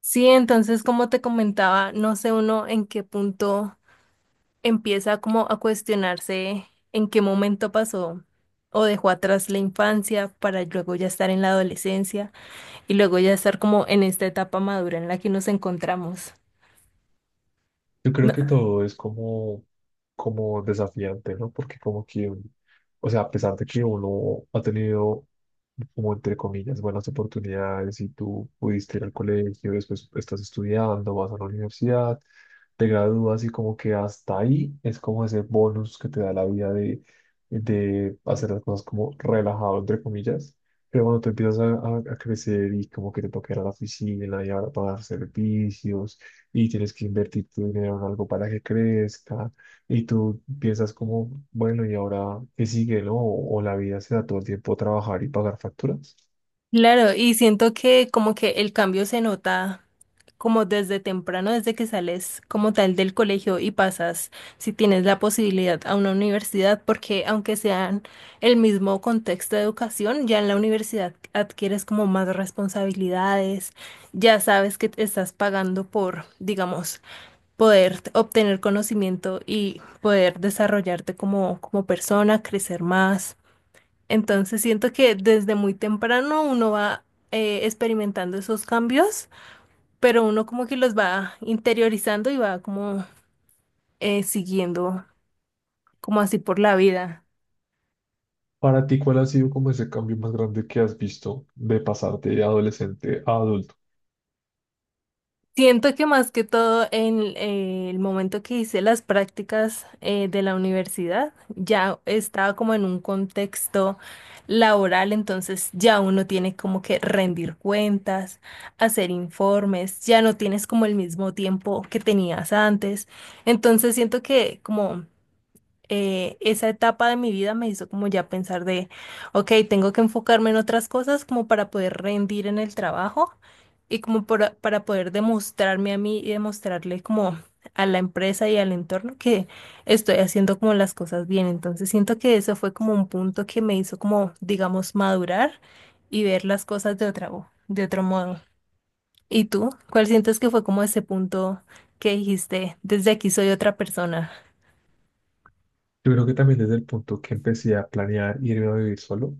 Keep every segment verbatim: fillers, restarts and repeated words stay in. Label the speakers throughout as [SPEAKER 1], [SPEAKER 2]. [SPEAKER 1] Sí, entonces, como te comentaba, no sé uno en qué punto empieza como a cuestionarse en qué momento pasó o dejó atrás la infancia para luego ya estar en la adolescencia y luego ya estar como en esta etapa madura en la que nos encontramos.
[SPEAKER 2] Yo creo que todo es como, como desafiante, ¿no? Porque como que, un- o sea, a pesar de que uno ha tenido como entre comillas, buenas oportunidades, si tú pudiste ir al colegio, después estás estudiando, vas a la universidad, te gradúas y como que hasta ahí es como ese bonus que te da la vida de, de hacer las cosas como relajado, entre comillas. Pero bueno te empiezas a, a- a crecer y como que te toca ir a la oficina y ahora pagar servicios y tienes que invertir tu dinero en algo para que crezca y tú piensas como, bueno, ¿y ahora qué sigue, no? O, o la vida se da todo el tiempo a trabajar y pagar facturas.
[SPEAKER 1] Claro, y siento que como que el cambio se nota como desde temprano, desde que sales como tal del colegio y pasas, si tienes la posibilidad, a una universidad, porque aunque sean el mismo contexto de educación, ya en la universidad adquieres como más responsabilidades, ya sabes que te estás pagando por, digamos, poder t- obtener conocimiento y poder desarrollarte como, como persona, crecer más. Entonces siento que desde muy temprano uno va eh, experimentando esos cambios, pero uno como que los va interiorizando y va como eh, siguiendo como así por la vida.
[SPEAKER 2] Para ti, ¿cuál ha sido como ese cambio más grande que has visto de pasar de adolescente a adulto?
[SPEAKER 1] Siento que más que todo en eh, el momento que hice las prácticas eh, de la universidad, ya estaba como en un contexto laboral, entonces ya uno tiene como que rendir cuentas, hacer informes, ya no tienes como el mismo tiempo que tenías antes. Entonces siento que como eh, esa etapa de mi vida me hizo como ya pensar de, ok, tengo que enfocarme en otras cosas como para poder rendir en el trabajo y como para, para poder demostrarme a mí y demostrarle como a la empresa y al entorno que estoy haciendo como las cosas bien. Entonces siento que eso fue como un punto que me hizo como, digamos, madurar y ver las cosas de otra, vo- de otro modo. ¿Y tú? ¿Cuál sientes que fue como ese punto que dijiste, desde aquí soy otra persona?
[SPEAKER 2] Yo creo que también desde el punto que empecé a planear irme a vivir solo,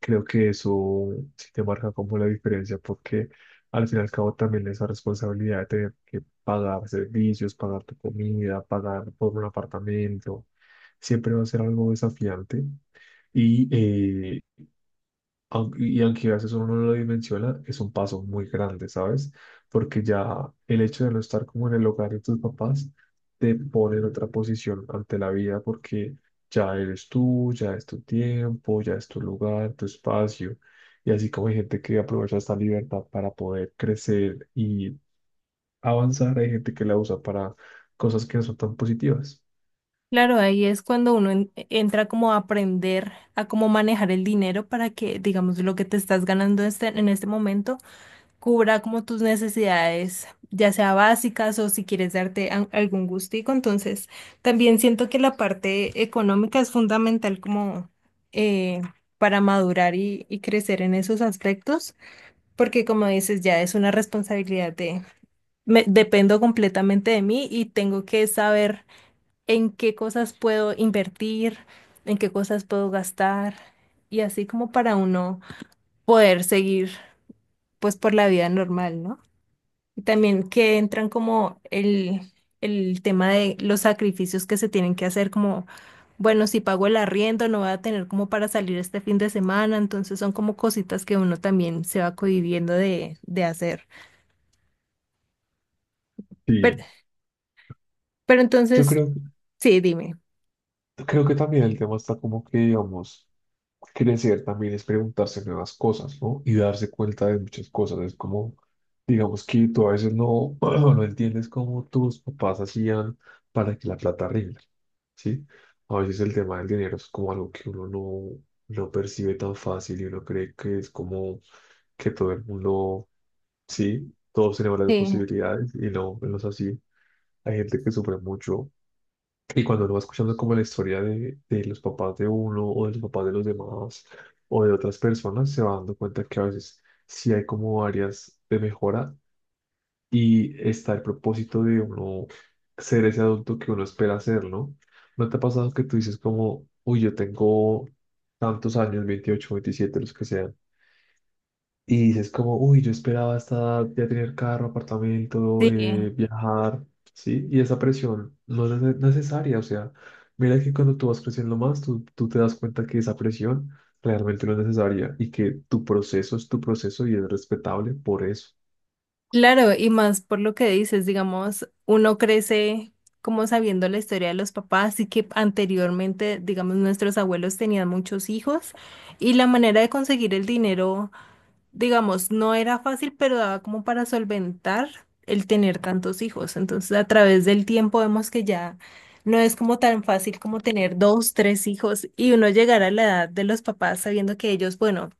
[SPEAKER 2] creo que eso sí te marca como la diferencia, porque al fin y al cabo también esa responsabilidad de tener que pagar servicios, pagar tu comida, pagar por un apartamento, siempre va a ser algo desafiante. Y eh, aunque- Y aunque a veces uno no lo dimensiona, es un paso muy grande, ¿sabes? Porque ya el hecho de no estar como en el hogar de tus papás te pone en otra posición ante la vida porque ya eres tú, ya es tu tiempo, ya es tu lugar, tu espacio. Y así como hay gente que aprovecha esta libertad para poder crecer y avanzar, hay gente que la usa para cosas que no son tan positivas.
[SPEAKER 1] Claro, ahí es cuando uno en- entra como a aprender a cómo manejar el dinero para que, digamos, lo que te estás ganando este- en este momento cubra como tus necesidades, ya sea básicas o si quieres darte a- algún gustico. Entonces, también siento que la parte económica es fundamental como eh, para madurar y, y crecer en esos aspectos, porque como dices, ya es una responsabilidad de, me- dependo completamente de mí y tengo que saber en qué cosas puedo invertir, en qué cosas puedo gastar y así como para uno poder seguir pues por la vida normal, ¿no? Y también que entran como el, el tema de los sacrificios que se tienen que hacer como, bueno, si pago el arriendo no voy a tener como para salir este fin de semana, entonces son como cositas que uno también se va cohibiendo de, de hacer. Pero,
[SPEAKER 2] Sí,
[SPEAKER 1] pero
[SPEAKER 2] yo
[SPEAKER 1] entonces,
[SPEAKER 2] creo,
[SPEAKER 1] sí, dime.
[SPEAKER 2] creo que también el tema está como que, digamos, crecer también es preguntarse nuevas cosas, ¿no? Y darse cuenta de muchas cosas. Es como, digamos que tú a veces no, no entiendes cómo tus papás hacían para que la plata rinda, ¿sí? A veces el tema del dinero es como algo que uno no, no percibe tan fácil y uno cree que es como que todo el mundo, sí, todos tenemos las
[SPEAKER 1] Sí,
[SPEAKER 2] posibilidades y no, no es así. Hay gente que sufre mucho y cuando uno va escuchando como la historia de, de los papás de uno o de los papás de los demás o de otras personas, se va dando cuenta que a veces sí hay como áreas de mejora y está el propósito de uno ser ese adulto que uno espera ser, ¿no? ¿No te ha pasado que tú dices como, uy, yo tengo tantos años, veintiocho veintisiete los que sean, y dices como, uy, yo esperaba hasta ya tener carro, apartamento,
[SPEAKER 1] sí.
[SPEAKER 2] eh, viajar, ¿sí? Y esa presión no es nece- necesaria, o sea, mira que cuando tú vas creciendo más, tú, tú te das cuenta que esa presión realmente no es necesaria y que tu proceso es tu proceso y es respetable por eso.
[SPEAKER 1] Claro, y más por lo que dices, digamos, uno crece como sabiendo la historia de los papás y que anteriormente, digamos, nuestros abuelos tenían muchos hijos y la manera de conseguir el dinero, digamos, no era fácil, pero daba como para solventar el tener tantos hijos. Entonces, a través del tiempo vemos que ya no es como tan fácil como tener dos, tres hijos y uno llegar a la edad de los papás sabiendo que ellos, bueno,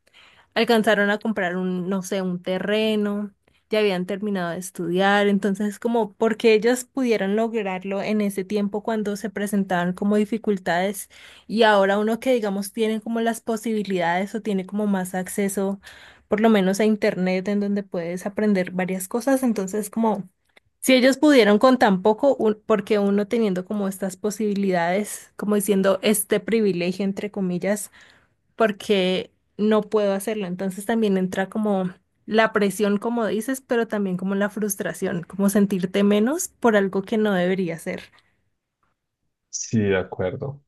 [SPEAKER 1] alcanzaron a comprar un, no sé, un terreno, ya habían terminado de estudiar, entonces como porque ellas pudieron lograrlo en ese tiempo cuando se presentaban como dificultades y ahora uno que digamos tiene como las posibilidades o tiene como más acceso por lo menos a internet en donde puedes aprender varias cosas, entonces como si ellos pudieron con tan poco, un- porque uno teniendo como estas posibilidades, como diciendo este privilegio entre comillas porque no puedo hacerlo. Entonces también entra como la presión, como dices, pero también como la frustración, como sentirte menos por algo que no debería ser.
[SPEAKER 2] Sí, de acuerdo.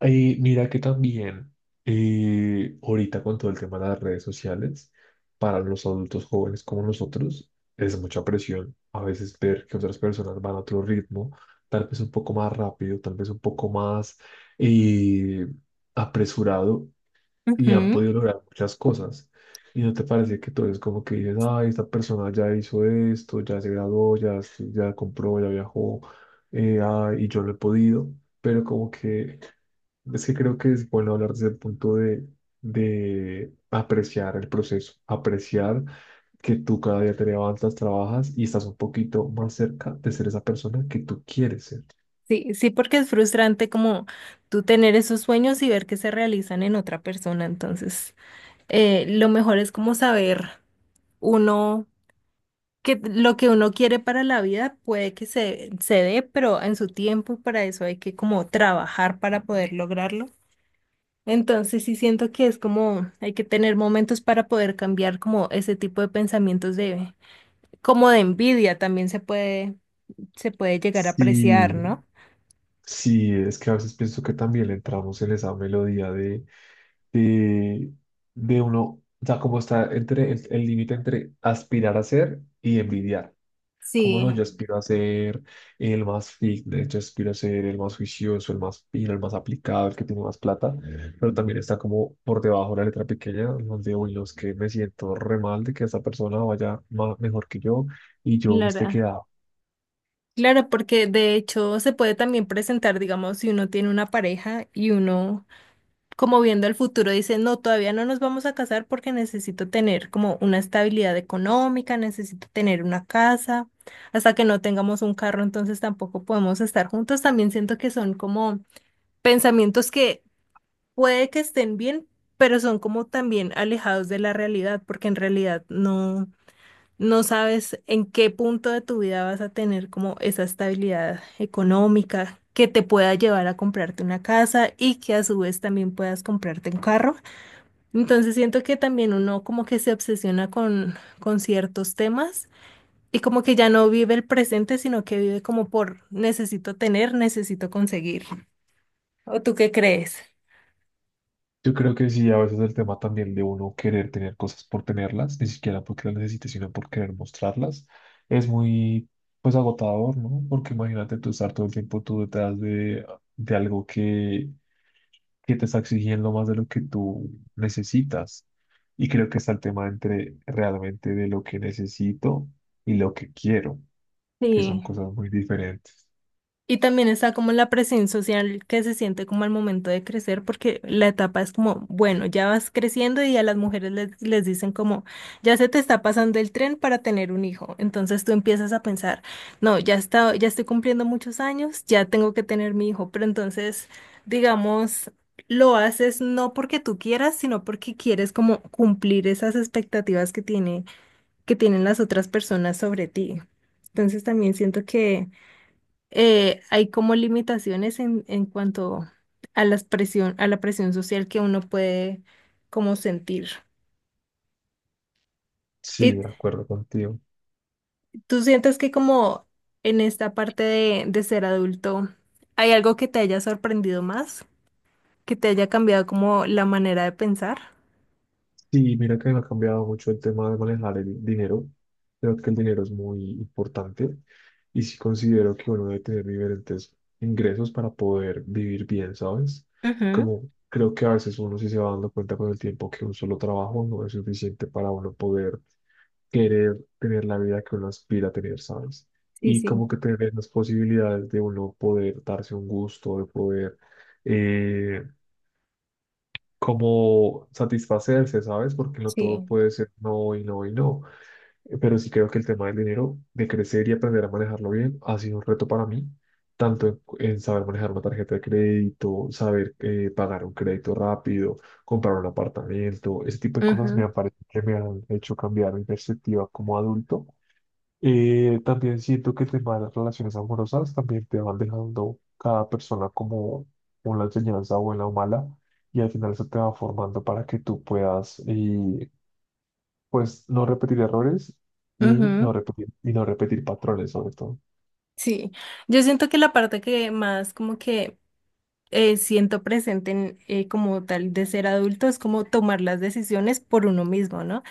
[SPEAKER 2] Y mira que también eh, ahorita con todo el tema de las redes sociales, para los adultos jóvenes como nosotros, es mucha presión a veces ver que otras personas van a otro ritmo, tal vez un poco más rápido, tal vez un poco más eh, apresurado y han
[SPEAKER 1] Ujú.
[SPEAKER 2] podido lograr muchas cosas. Y no te parece que tú eres como que dices, ay, esta persona ya hizo esto, ya se graduó, ya, ya compró, ya viajó, eh, ay, y yo no he podido, pero como que es que creo que es bueno hablar desde el punto de, de apreciar el proceso, apreciar que tú cada día te levantas, trabajas y estás un poquito más cerca de ser esa persona que tú quieres ser.
[SPEAKER 1] Sí, sí, porque es frustrante como tú tener esos sueños y ver que se realizan en otra persona. Entonces, eh, lo mejor es como saber uno que lo que uno quiere para la vida puede que se, se dé, pero en su tiempo y para eso hay que como trabajar para poder lograrlo. Entonces sí siento que es como hay que tener momentos para poder cambiar como ese tipo de pensamientos de como de envidia también se puede se puede llegar a
[SPEAKER 2] Sí,
[SPEAKER 1] apreciar, ¿no?
[SPEAKER 2] sí, es que a veces pienso que también le entramos en esa melodía de, de, de uno, o sea, como está entre el el límite entre aspirar a ser y envidiar. Como no,
[SPEAKER 1] Sí,
[SPEAKER 2] yo aspiro a ser el más fit, de hecho aspiro a ser el más juicioso, el más fino, el más aplicado, el que tiene más plata, pero también está como por debajo la letra pequeña, donde uy, los que me siento re mal de que esa persona vaya ma- mejor que yo y yo me esté
[SPEAKER 1] claro.
[SPEAKER 2] quedado.
[SPEAKER 1] Claro, porque de hecho se puede también presentar, digamos, si uno tiene una pareja y uno como viendo el futuro, dice, no, todavía no nos vamos a casar porque necesito tener como una estabilidad económica, necesito tener una casa, hasta que no tengamos un carro, entonces tampoco podemos estar juntos. También siento que son como pensamientos que puede que estén bien, pero son como también alejados de la realidad, porque en realidad no, no sabes en qué punto de tu vida vas a tener como esa estabilidad económica que te pueda llevar a comprarte una casa y que a su vez también puedas comprarte un carro. Entonces siento que también uno como que se obsesiona con, con ciertos temas y como que ya no vive el presente, sino que vive como por necesito tener, necesito conseguir. ¿O tú qué crees?
[SPEAKER 2] Yo creo que sí, a veces el tema también de uno querer tener cosas por tenerlas, ni siquiera porque las necesite, sino por querer mostrarlas, es muy pues agotador, ¿no? Porque imagínate tú estar todo el tiempo tú detrás de, de algo que que te está exigiendo más de lo que tú necesitas. Y creo que está el tema entre realmente de lo que necesito y lo que quiero, que son
[SPEAKER 1] Sí.
[SPEAKER 2] cosas muy diferentes.
[SPEAKER 1] Y también está como la presión social que se siente como al momento de crecer, porque la etapa es como, bueno, ya vas creciendo y a las mujeres les, les dicen como, ya se te está pasando el tren para tener un hijo. Entonces tú empiezas a pensar, no, ya está, ya estoy cumpliendo muchos años, ya tengo que tener mi hijo. Pero entonces, digamos, lo haces no porque tú quieras, sino porque quieres como cumplir esas expectativas que tiene, que tienen las otras personas sobre ti. Entonces también siento que eh, hay como limitaciones en, en cuanto a las presión, a la presión social que uno puede como sentir.
[SPEAKER 2] Sí,
[SPEAKER 1] ¿Y
[SPEAKER 2] de acuerdo contigo.
[SPEAKER 1] tú sientes que como en esta parte de, de ser adulto hay algo que te haya sorprendido más, que te haya cambiado como la manera de pensar?
[SPEAKER 2] Sí, mira que ha cambiado mucho el tema de manejar el dinero. Creo que el dinero es muy importante y sí considero que uno debe tener diferentes ingresos para poder vivir bien, ¿sabes?
[SPEAKER 1] Ujú.
[SPEAKER 2] Como creo que a veces uno sí se va dando cuenta con el tiempo que un solo trabajo no es suficiente para uno poder querer tener la vida que uno aspira a tener, ¿sabes?
[SPEAKER 1] Sí,
[SPEAKER 2] Y
[SPEAKER 1] sí,
[SPEAKER 2] como que tener las posibilidades de uno poder darse un gusto, de poder eh, como satisfacerse, ¿sabes? Porque no todo
[SPEAKER 1] sí.
[SPEAKER 2] puede ser no y no y no. Eh, Pero sí creo que el tema del dinero, de crecer y aprender a manejarlo bien, ha sido un reto para mí, tanto en, en saber manejar una tarjeta de crédito, saber eh, pagar un crédito rápido, comprar un apartamento, ese tipo de cosas me
[SPEAKER 1] Ujú,
[SPEAKER 2] han parecido que me han hecho cambiar mi perspectiva como adulto. Eh, también siento que temas de las relaciones amorosas también te van dejando cada persona como una enseñanza buena o mala y al final eso te va formando para que tú puedas eh, pues no repetir errores y no
[SPEAKER 1] ujú.
[SPEAKER 2] repetir y no repetir patrones sobre todo.
[SPEAKER 1] Sí, yo siento que la parte que más como que eh, siento presente en, eh, como tal de ser adulto es como tomar las decisiones por uno mismo, ¿no?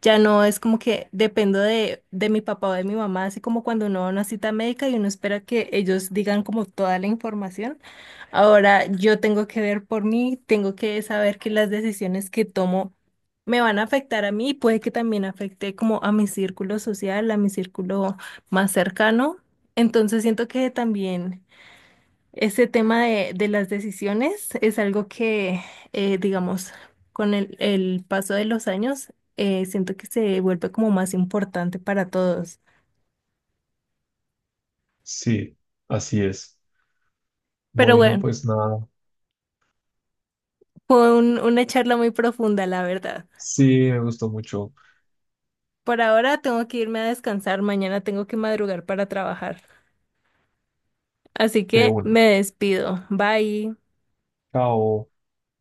[SPEAKER 1] Ya no es como que dependo de, de mi papá o de mi mamá, así como cuando uno va a una cita médica y uno espera que ellos digan como toda la información. Ahora yo tengo que ver por mí, tengo que saber que las decisiones que tomo me van a afectar a mí y puede que también afecte como a mi círculo social, a mi círculo más cercano. Entonces siento que también... Ese tema de, de las decisiones es algo que, eh, digamos, con el, el paso de los años, eh, siento que se vuelve como más importante para todos.
[SPEAKER 2] Sí, así es.
[SPEAKER 1] Pero
[SPEAKER 2] Bueno,
[SPEAKER 1] bueno,
[SPEAKER 2] pues nada.
[SPEAKER 1] fue un- una charla muy profunda, la verdad.
[SPEAKER 2] Sí, me gustó mucho.
[SPEAKER 1] Por ahora tengo que irme a descansar, mañana tengo que madrugar para trabajar. Así
[SPEAKER 2] De
[SPEAKER 1] que me
[SPEAKER 2] una.
[SPEAKER 1] despido. Bye.
[SPEAKER 2] Chao.